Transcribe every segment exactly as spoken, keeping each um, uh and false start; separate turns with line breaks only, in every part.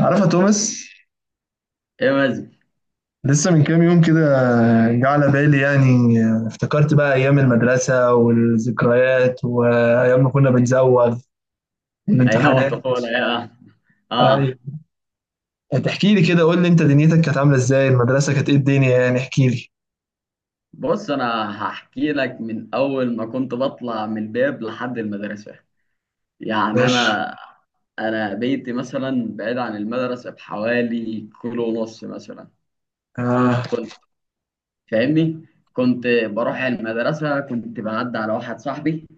عارفة توماس.
ايه مازن.
لسه من كام يوم كده جه على بالي يعني، افتكرت بقى أيام المدرسة والذكريات وأيام ما كنا بنزوغ
ايام
والامتحانات.
الطفوله يا اه آه.
أيوة. تحكي لي كده، قول لي أنت دنيتك كانت عاملة إزاي؟ المدرسة كانت إيه الدنيا يعني؟ احكي لي.
بص انا هحكي لك من اول ما كنت بطلع من الباب لحد المدرسه. يعني
ماشي.
انا انا بيتي مثلا بعيد عن المدرسه بحوالي كيلو ونص مثلا.
آه.
كنت فاهمني، كنت بروح المدرسه، كنت بعدي على واحد صاحبي،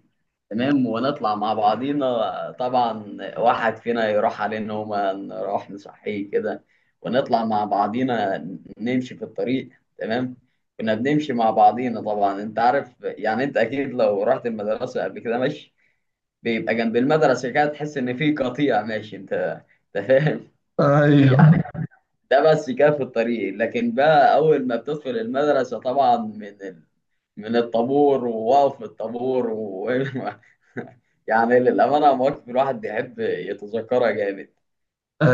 تمام، ونطلع مع بعضينا، طبعا واحد فينا يروح عليه نومة نروح نصحيه كده ونطلع مع بعضينا، نمشي في الطريق، تمام. كنا بنمشي مع بعضينا، طبعا انت عارف يعني، انت اكيد لو رحت المدرسة قبل كده، ماشي، بيبقى جنب المدرسة كده تحس ان في قطيع ماشي. انت انت فاهم
أيوه،
يعني؟ ده بس كده في الطريق، لكن بقى اول ما بتدخل المدرسة طبعا من ال... من الطابور ووقف الطابور و- يعني للأمانة مواقف الواحد يحب يتذكرها جامد.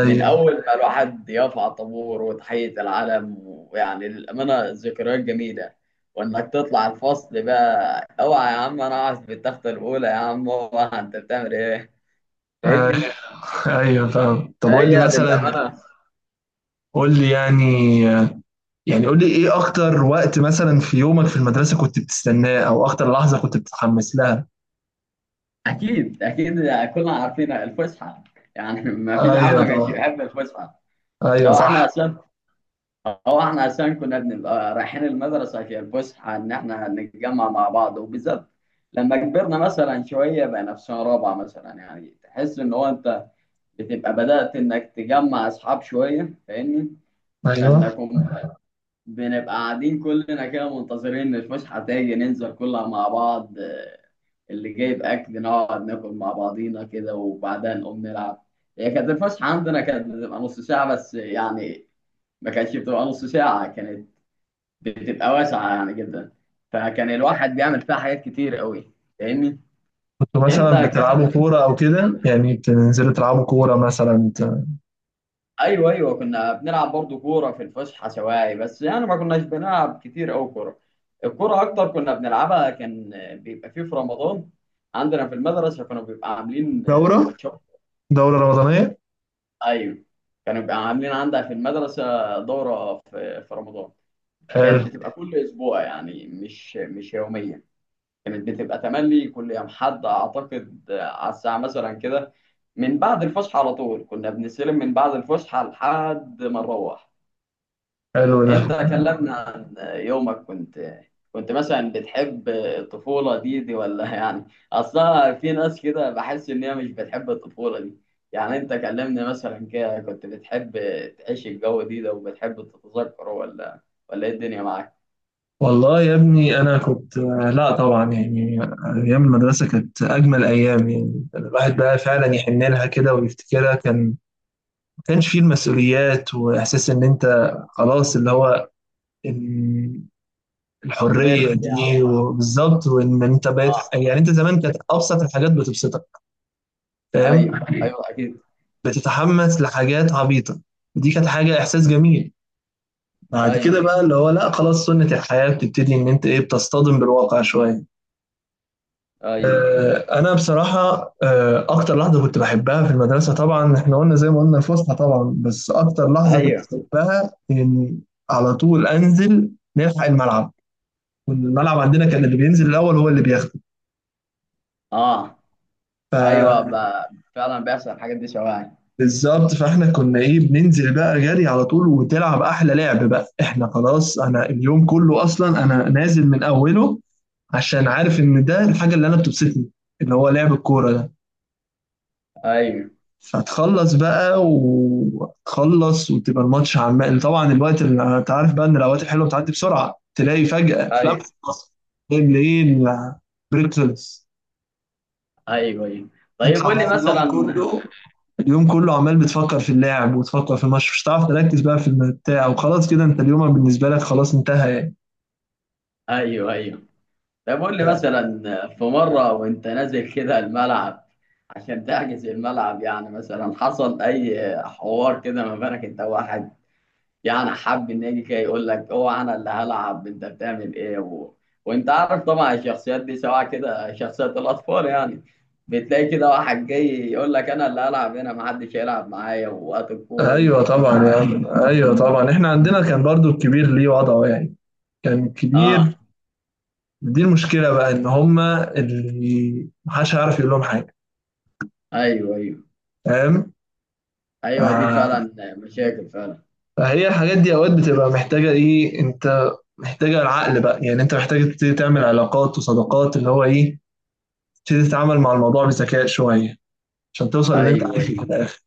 من أول ما الواحد يرفع طابور وتحية العلم، ويعني للأمانة ذكريات جميلة. وإنك تطلع الفصل بقى، أوعى يا عم أنا أقعد في التختة الأولى، يا عم أوعى أنت بتعمل إيه.
أيوه،
فاهمني؟
أيوه، فاهم. طب قول
فهي
لي مثلا،
للأمانة.
قول لي يعني يعني قول لي إيه أكتر وقت مثلا في يومك في المدرسة كنت بتستناه؟ أو أكتر لحظة كنت بتتحمس لها؟
أكيد أكيد، كلنا عارفين الفسحة. يعني ما فيش حد
أيوه
ما كانش
طبعا.
يحب الفسحة.
ايوه
ده واحنا
صح.
أساسا، هو احنا عشان كنا بنبقى رايحين المدرسة في الفسحة إن احنا نتجمع مع بعض، وبالذات لما كبرنا مثلا شوية، بقينا في سنة رابعة مثلا يعني، تحس إن هو أنت بتبقى بدأت إنك تجمع أصحاب شوية. فاهمني؟
ايوه.
فإنكم بنبقى قاعدين كلنا كده منتظرين إن الفسحة تيجي ننزل كلها مع بعض، آه، اللي جايب أكل نقعد ناكل مع بعضينا كده وبعدها نقوم نلعب. هي كانت الفسحة عندنا كانت بتبقى نص ساعة بس يعني، ما كانتش بتبقى نص ساعة، كانت بتبقى واسعة يعني جدا. فكان الواحد بيعمل فيها حاجات كتير قوي. فاهمني؟
كنتوا
انت
مثلا بتلعبوا
كلام.
كوره او كده يعني؟ بتنزلوا تلعبوا كوره مثلا ت-
ايوه ايوه، كنا بنلعب برضو كورة في الفسحة سواعي، بس يعني ما كناش بنلعب كتير قوي كورة. الكورة اكتر كنا بنلعبها كان بيبقى فيه في رمضان، عندنا في المدرسة كانوا بيبقى عاملين، آه،
دوره
ماتشات.
دوره رمضانيه.
ايوه، كانوا بيبقى عاملين عندها في المدرسة دورة في في رمضان. كانت
حلو.
بتبقى كل اسبوع يعني، مش مش يوميا، كانت بتبقى تملي كل يوم حد اعتقد على الساعه مثلا كده، من بعد الفسحه على طول كنا بنستلم من بعد الفسحه لحد ما نروح.
حلو ده.
انت كلمنا عن يومك، كنت كنت مثلا بتحب الطفوله دي دي ولا يعني؟ اصلا في ناس كده بحس ان هي مش بتحب الطفوله دي. يعني انت كلمنا مثلا كده، كنت بتحب تعيش الجو دي ده وبتحب تتذكره، ولا ولا ايه الدنيا معاك؟
والله يا ابني انا كنت، لا طبعا يعني، ايام المدرسه كانت اجمل ايام يعني، الواحد بقى فعلا يحن لها كده ويفتكرها. كان ما كانش فيه المسؤوليات واحساس ان انت، خلاص اللي هو ال- الحريه
كبرت يعني،
دي، وبالظبط. وان انت بقيت
اه.
يعني، انت زمان كانت ابسط الحاجات بتبسطك. فاهم.
ايوه ايوه اكيد.
بتتحمس لحاجات عبيطة، دي كانت حاجة إحساس جميل. بعد كده
ايوه
بقى اللي هو لا، خلاص، سنة الحياة بتبتدي إن أنت إيه، بتصطدم بالواقع شوية.
ايوه.
آه، أنا بصراحة، آه، أكتر لحظة كنت بحبها في المدرسة طبعا، إحنا قلنا زي ما قلنا الفسحة طبعا، بس أكتر لحظة كنت
ايوه
بحبها إن على طول أنزل نلحق الملعب. والملعب عندنا كان اللي بينزل الأول هو اللي
اه، ايوه
بياخده.
ب- فعلا بيحصل الحاجات دي شوائع.
بالظبط، فاحنا كنا ايه، بننزل بقى جري على طول وتلعب احلى لعب بقى. احنا خلاص، انا اليوم كله اصلا انا نازل من اوله، عشان عارف ان ده الحاجه اللي انا بتبسطني، اللي هو لعب الكوره ده.
ايوه
فتخلص بقى وتخلص وتبقى الماتش عمال، طبعا الوقت اللي انت عارف بقى ان الاوقات الحلوه بتعدي بسرعه، تلاقي فجاه في لمحه،
ايوه.
بصر تلاقي بالليل البريك خلص.
ايوه ايوه طيب
تطلع
قول لي
بقى، اليوم
مثلا.
كله، اليوم كله عمال بتفكر في اللاعب وتفكر في الماتش، مش هتعرف تركز بقى في الم- بتاع. وخلاص كده، انت اليوم بالنسبه لك خلاص انتهى يعني.
ايوه ايوه. طيب قول لي مثلا، في مره وانت نازل كده الملعب عشان تحجز الملعب، يعني مثلا حصل اي حوار كده ما بينك انت وواحد، يعني حب ان يجي كده يقول لك هو انا اللي هلعب انت بتعمل ايه، و... وانت عارف طبعا الشخصيات دي، سواء كده شخصيات الاطفال يعني، بتلاقي كده واحد جاي يقول لك انا اللي هلعب هنا، محدش هيلعب معايا وقت الكوره
ايوه
دي.
طبعا يا عم، ايوه طبعا. احنا عندنا كان برضو الكبير ليه وضعه يعني. كان
اه
الكبير، دي المشكله بقى، ان هما اللي محدش هيعرف يقول لهم حاجه.
ايوه ايوه.
فاهم.
ايوه دي
ف-
فعلا مشاكل فعلا.
فهي الحاجات دي اوقات بتبقى محتاجه ايه، انت محتاجه العقل بقى، يعني انت محتاج تبتدي تعمل علاقات وصداقات اللي هو ايه، تبتدي تتعامل مع الموضوع بذكاء شويه، عشان توصل اللي انت
ايوه
عايزه
ايوه
في الاخر.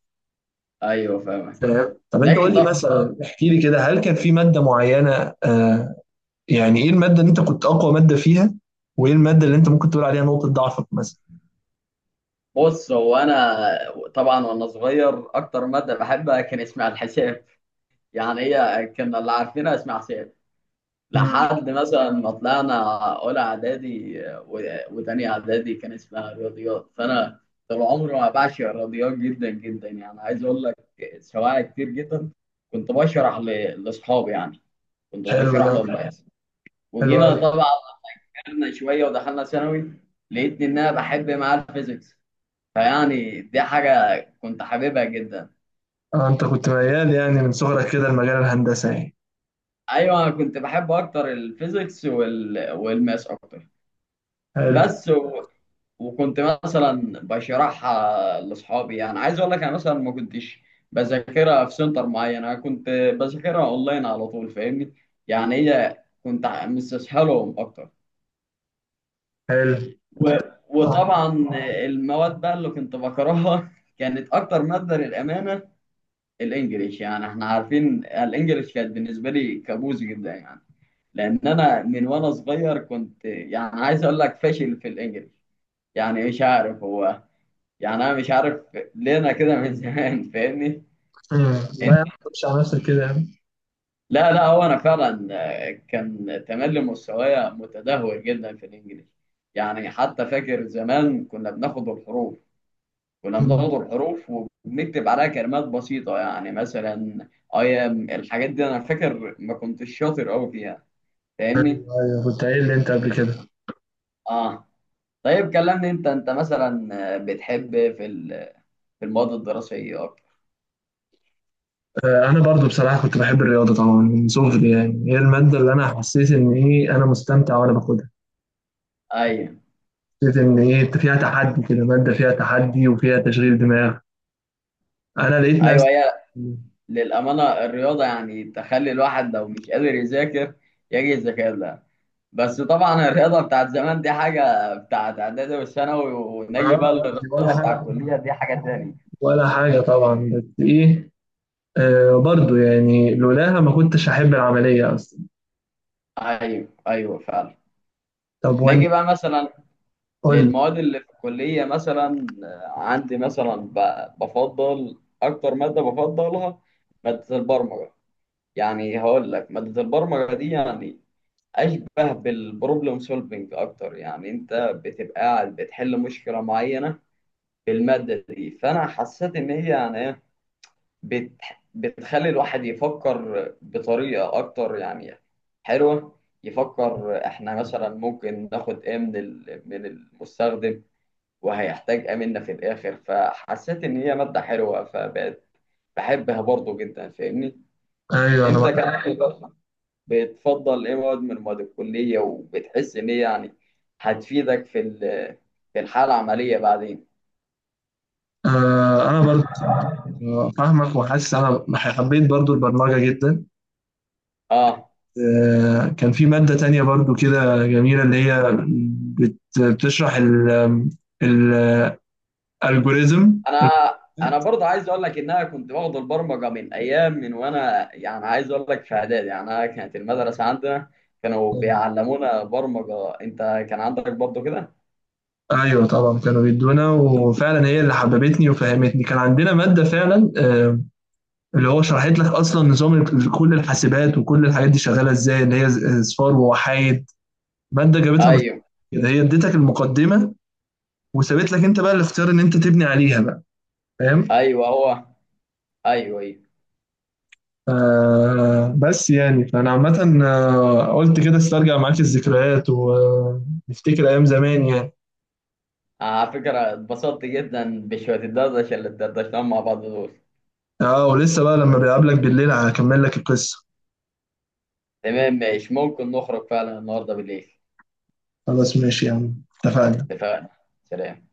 ايوه فاهم.
فاهم. طب انت قول
نجي
لي
طب.
مثلا، احكي لي كده، هل كان في ماده معينه؟ آه. يعني ايه الماده اللي انت كنت اقوى ماده فيها؟ وايه الماده اللي انت ممكن تقول عليها نقطه ضعفك مثلا؟
بص هو انا. طبعا وانا صغير اكتر ماده بحبها كان اسمها الحساب. يعني هي كنا اللي عارفينها اسمها حساب
امم.
لحد مثلا ما طلعنا اولى اعدادي و- وتانية اعدادي كان اسمها رياضيات. فانا طول عمري ما بعشق الرياضيات جدا جدا، يعني عايز اقول لك سواعي كتير جدا كنت بشرح ل- لاصحابي يعني، كنت
حلو
بشرح
ده.
لهم بس.
حلو
وجينا
قوي.
طبعا كبرنا شويه ودخلنا ثانوي، لقيتني ان انا بحب معاه الفيزيكس. فيعني دي حاجه كنت حاببها جدا.
اه، انت كنت ميال يعني من صغرك كده لمجال الهندسه يعني؟
ايوه انا كنت بحب اكتر الفيزيكس وال... والماس اكتر
حلو.
بس. وكنت مثلا بشرحها لاصحابي، يعني عايز اقول لك انا مثلا ما كنتش بذاكرها في سنتر معين، انا كنت بذاكرها اونلاين على طول. فاهمني؟ يعني هي كنت ع- مستسهلهم اكتر
حلو.
و...
آه.
وطبعا المواد بقى اللي كنت بكرهها كانت اكتر ماده للامانه الانجليش. يعني احنا عارفين الانجليش كانت بالنسبه لي كابوس جدا، يعني لان انا من وانا صغير كنت يعني عايز اقول لك فاشل في الانجليش. يعني مش عارف هو، يعني انا مش عارف ليه انا كده من زمان. فاهمني
امم. لا
انت؟
يا عم، مش على نفسك كده يا عم.
لا لا، هو انا فعلا، آه، كان تملي مستوايا متدهور جدا في الانجليزي. يعني حتى فاكر زمان كنا بناخد الحروف، كنا
امم.
بناخد الحروف وبنكتب عليها كلمات بسيطة، يعني مثلا ايام الحاجات دي انا فاكر ما كنتش شاطر قوي فيها.
ايوه.
فاهمني؟
أيوة، كنت قايل لي انت قبل كده.
اه. طيب كلمني انت، انت مثلا، آه، بتحب في ال- في المواد الدراسية اكتر؟
آه، انا برضو بصراحه كنت بحب الرياضه طبعا من صغري، يعني هي الماده اللي انا حسيت ان ايه، انا مستمتع وانا باخدها.
ايوه
حسيت ان ايه انت فيها تحدي كده، ماده فيها تحدي وفيها تشغيل دماغ، انا لقيت نفسي.
ايوه، للأمانة الرياضة يعني تخلي الواحد لو مش قادر يذاكر يجي يذاكر لها، بس طبعا الرياضة بتاعت زمان دي حاجة بتاعت إعدادي والثانوي، ونجي
اه
بقى
دي ولا
للرياضة بتاعت
حاجه،
الكلية دي حاجة تاني.
ولا حاجه طبعا، بس ايه، آه برضو يعني لولاها ما كنتش هحب العمليه اصلا.
أيوه أيوه فعلا.
طب
نجي
وانت
بقى مثلا
قول لي.
للمواد اللي في الكلية مثلا، آه، عندي مثلا ب- بفضل أكتر مادة بفضلها مادة البرمجة. يعني هقول لك مادة البرمجة دي يعني اشبه بالبروبلم سولفنج اكتر، يعني انت بتبقى قاعد بتحل مشكله معينه في الماده دي. فانا حسيت ان هي يعني إيه، بت بتخلي الواحد يفكر بطريقه اكتر يعني، حلوه، يفكر احنا مثلا ممكن ناخد ايه من ال- من المستخدم وهيحتاج ايه منا في الاخر. فحسيت ان هي ماده حلوه فبقت بحبها برضو جدا. فاهمني؟
ايوه انا
انت
معاك.
كمان، بتفضل ايه مواد من مواد الكلية، وبتحس ان هي يعني هتفيدك في ال- في الحالة العملية بعدين؟
آه انا برضو فاهمك، وحاسس انا حبيت برضو البرمجه جدا.
اه
آه كان في ماده تانية برضو كده جميله، اللي هي بت- بتشرح ال الالجوريزم.
انا انا برضه عايز اقول لك ان انا كنت باخد البرمجة من ايام، من وانا يعني عايز اقول لك في اعدادي، يعني انا كانت المدرسة عندنا كانوا بيعلمونا برمجة. انت كان عندك برضه كده؟
أيوه طبعًا، كانوا بيدّونا وفعلًا هي اللي حبّبتني وفهّمتني. كان عندنا مادة فعلًا، آآ اللي هو شرحت لك أصلًا نظام ال كل الحاسبات وكل الحاجات دي شغّالة إزاي، اللي هي ص أصفار ووحايد. مادة جابتها من الص
ايوه
كده، هي ادّيتك المقدّمة، وسابت لك أنت بقى الاختيار إن أنت تبني عليها بقى. فاهم؟
ايوه هو. ايوه ايوه.
فبس يعني، فأنا عامةً، آه، قُلت كده أسترجع معاك الذكريات ونفتكر أيام زمان يعني.
على فكرة اتبسطت جدا بشوية الدردشة اللي اتدردشناهم مع بعض دول.
آه، ولسه بقى لمّا باقابلك بالليل هاكمّل لك القصة.
تمام ماشي، ممكن نخرج فعلا النهارده بالليل.
خلاص ماشي يا عم، اتفقنا.
اتفقنا. سلام.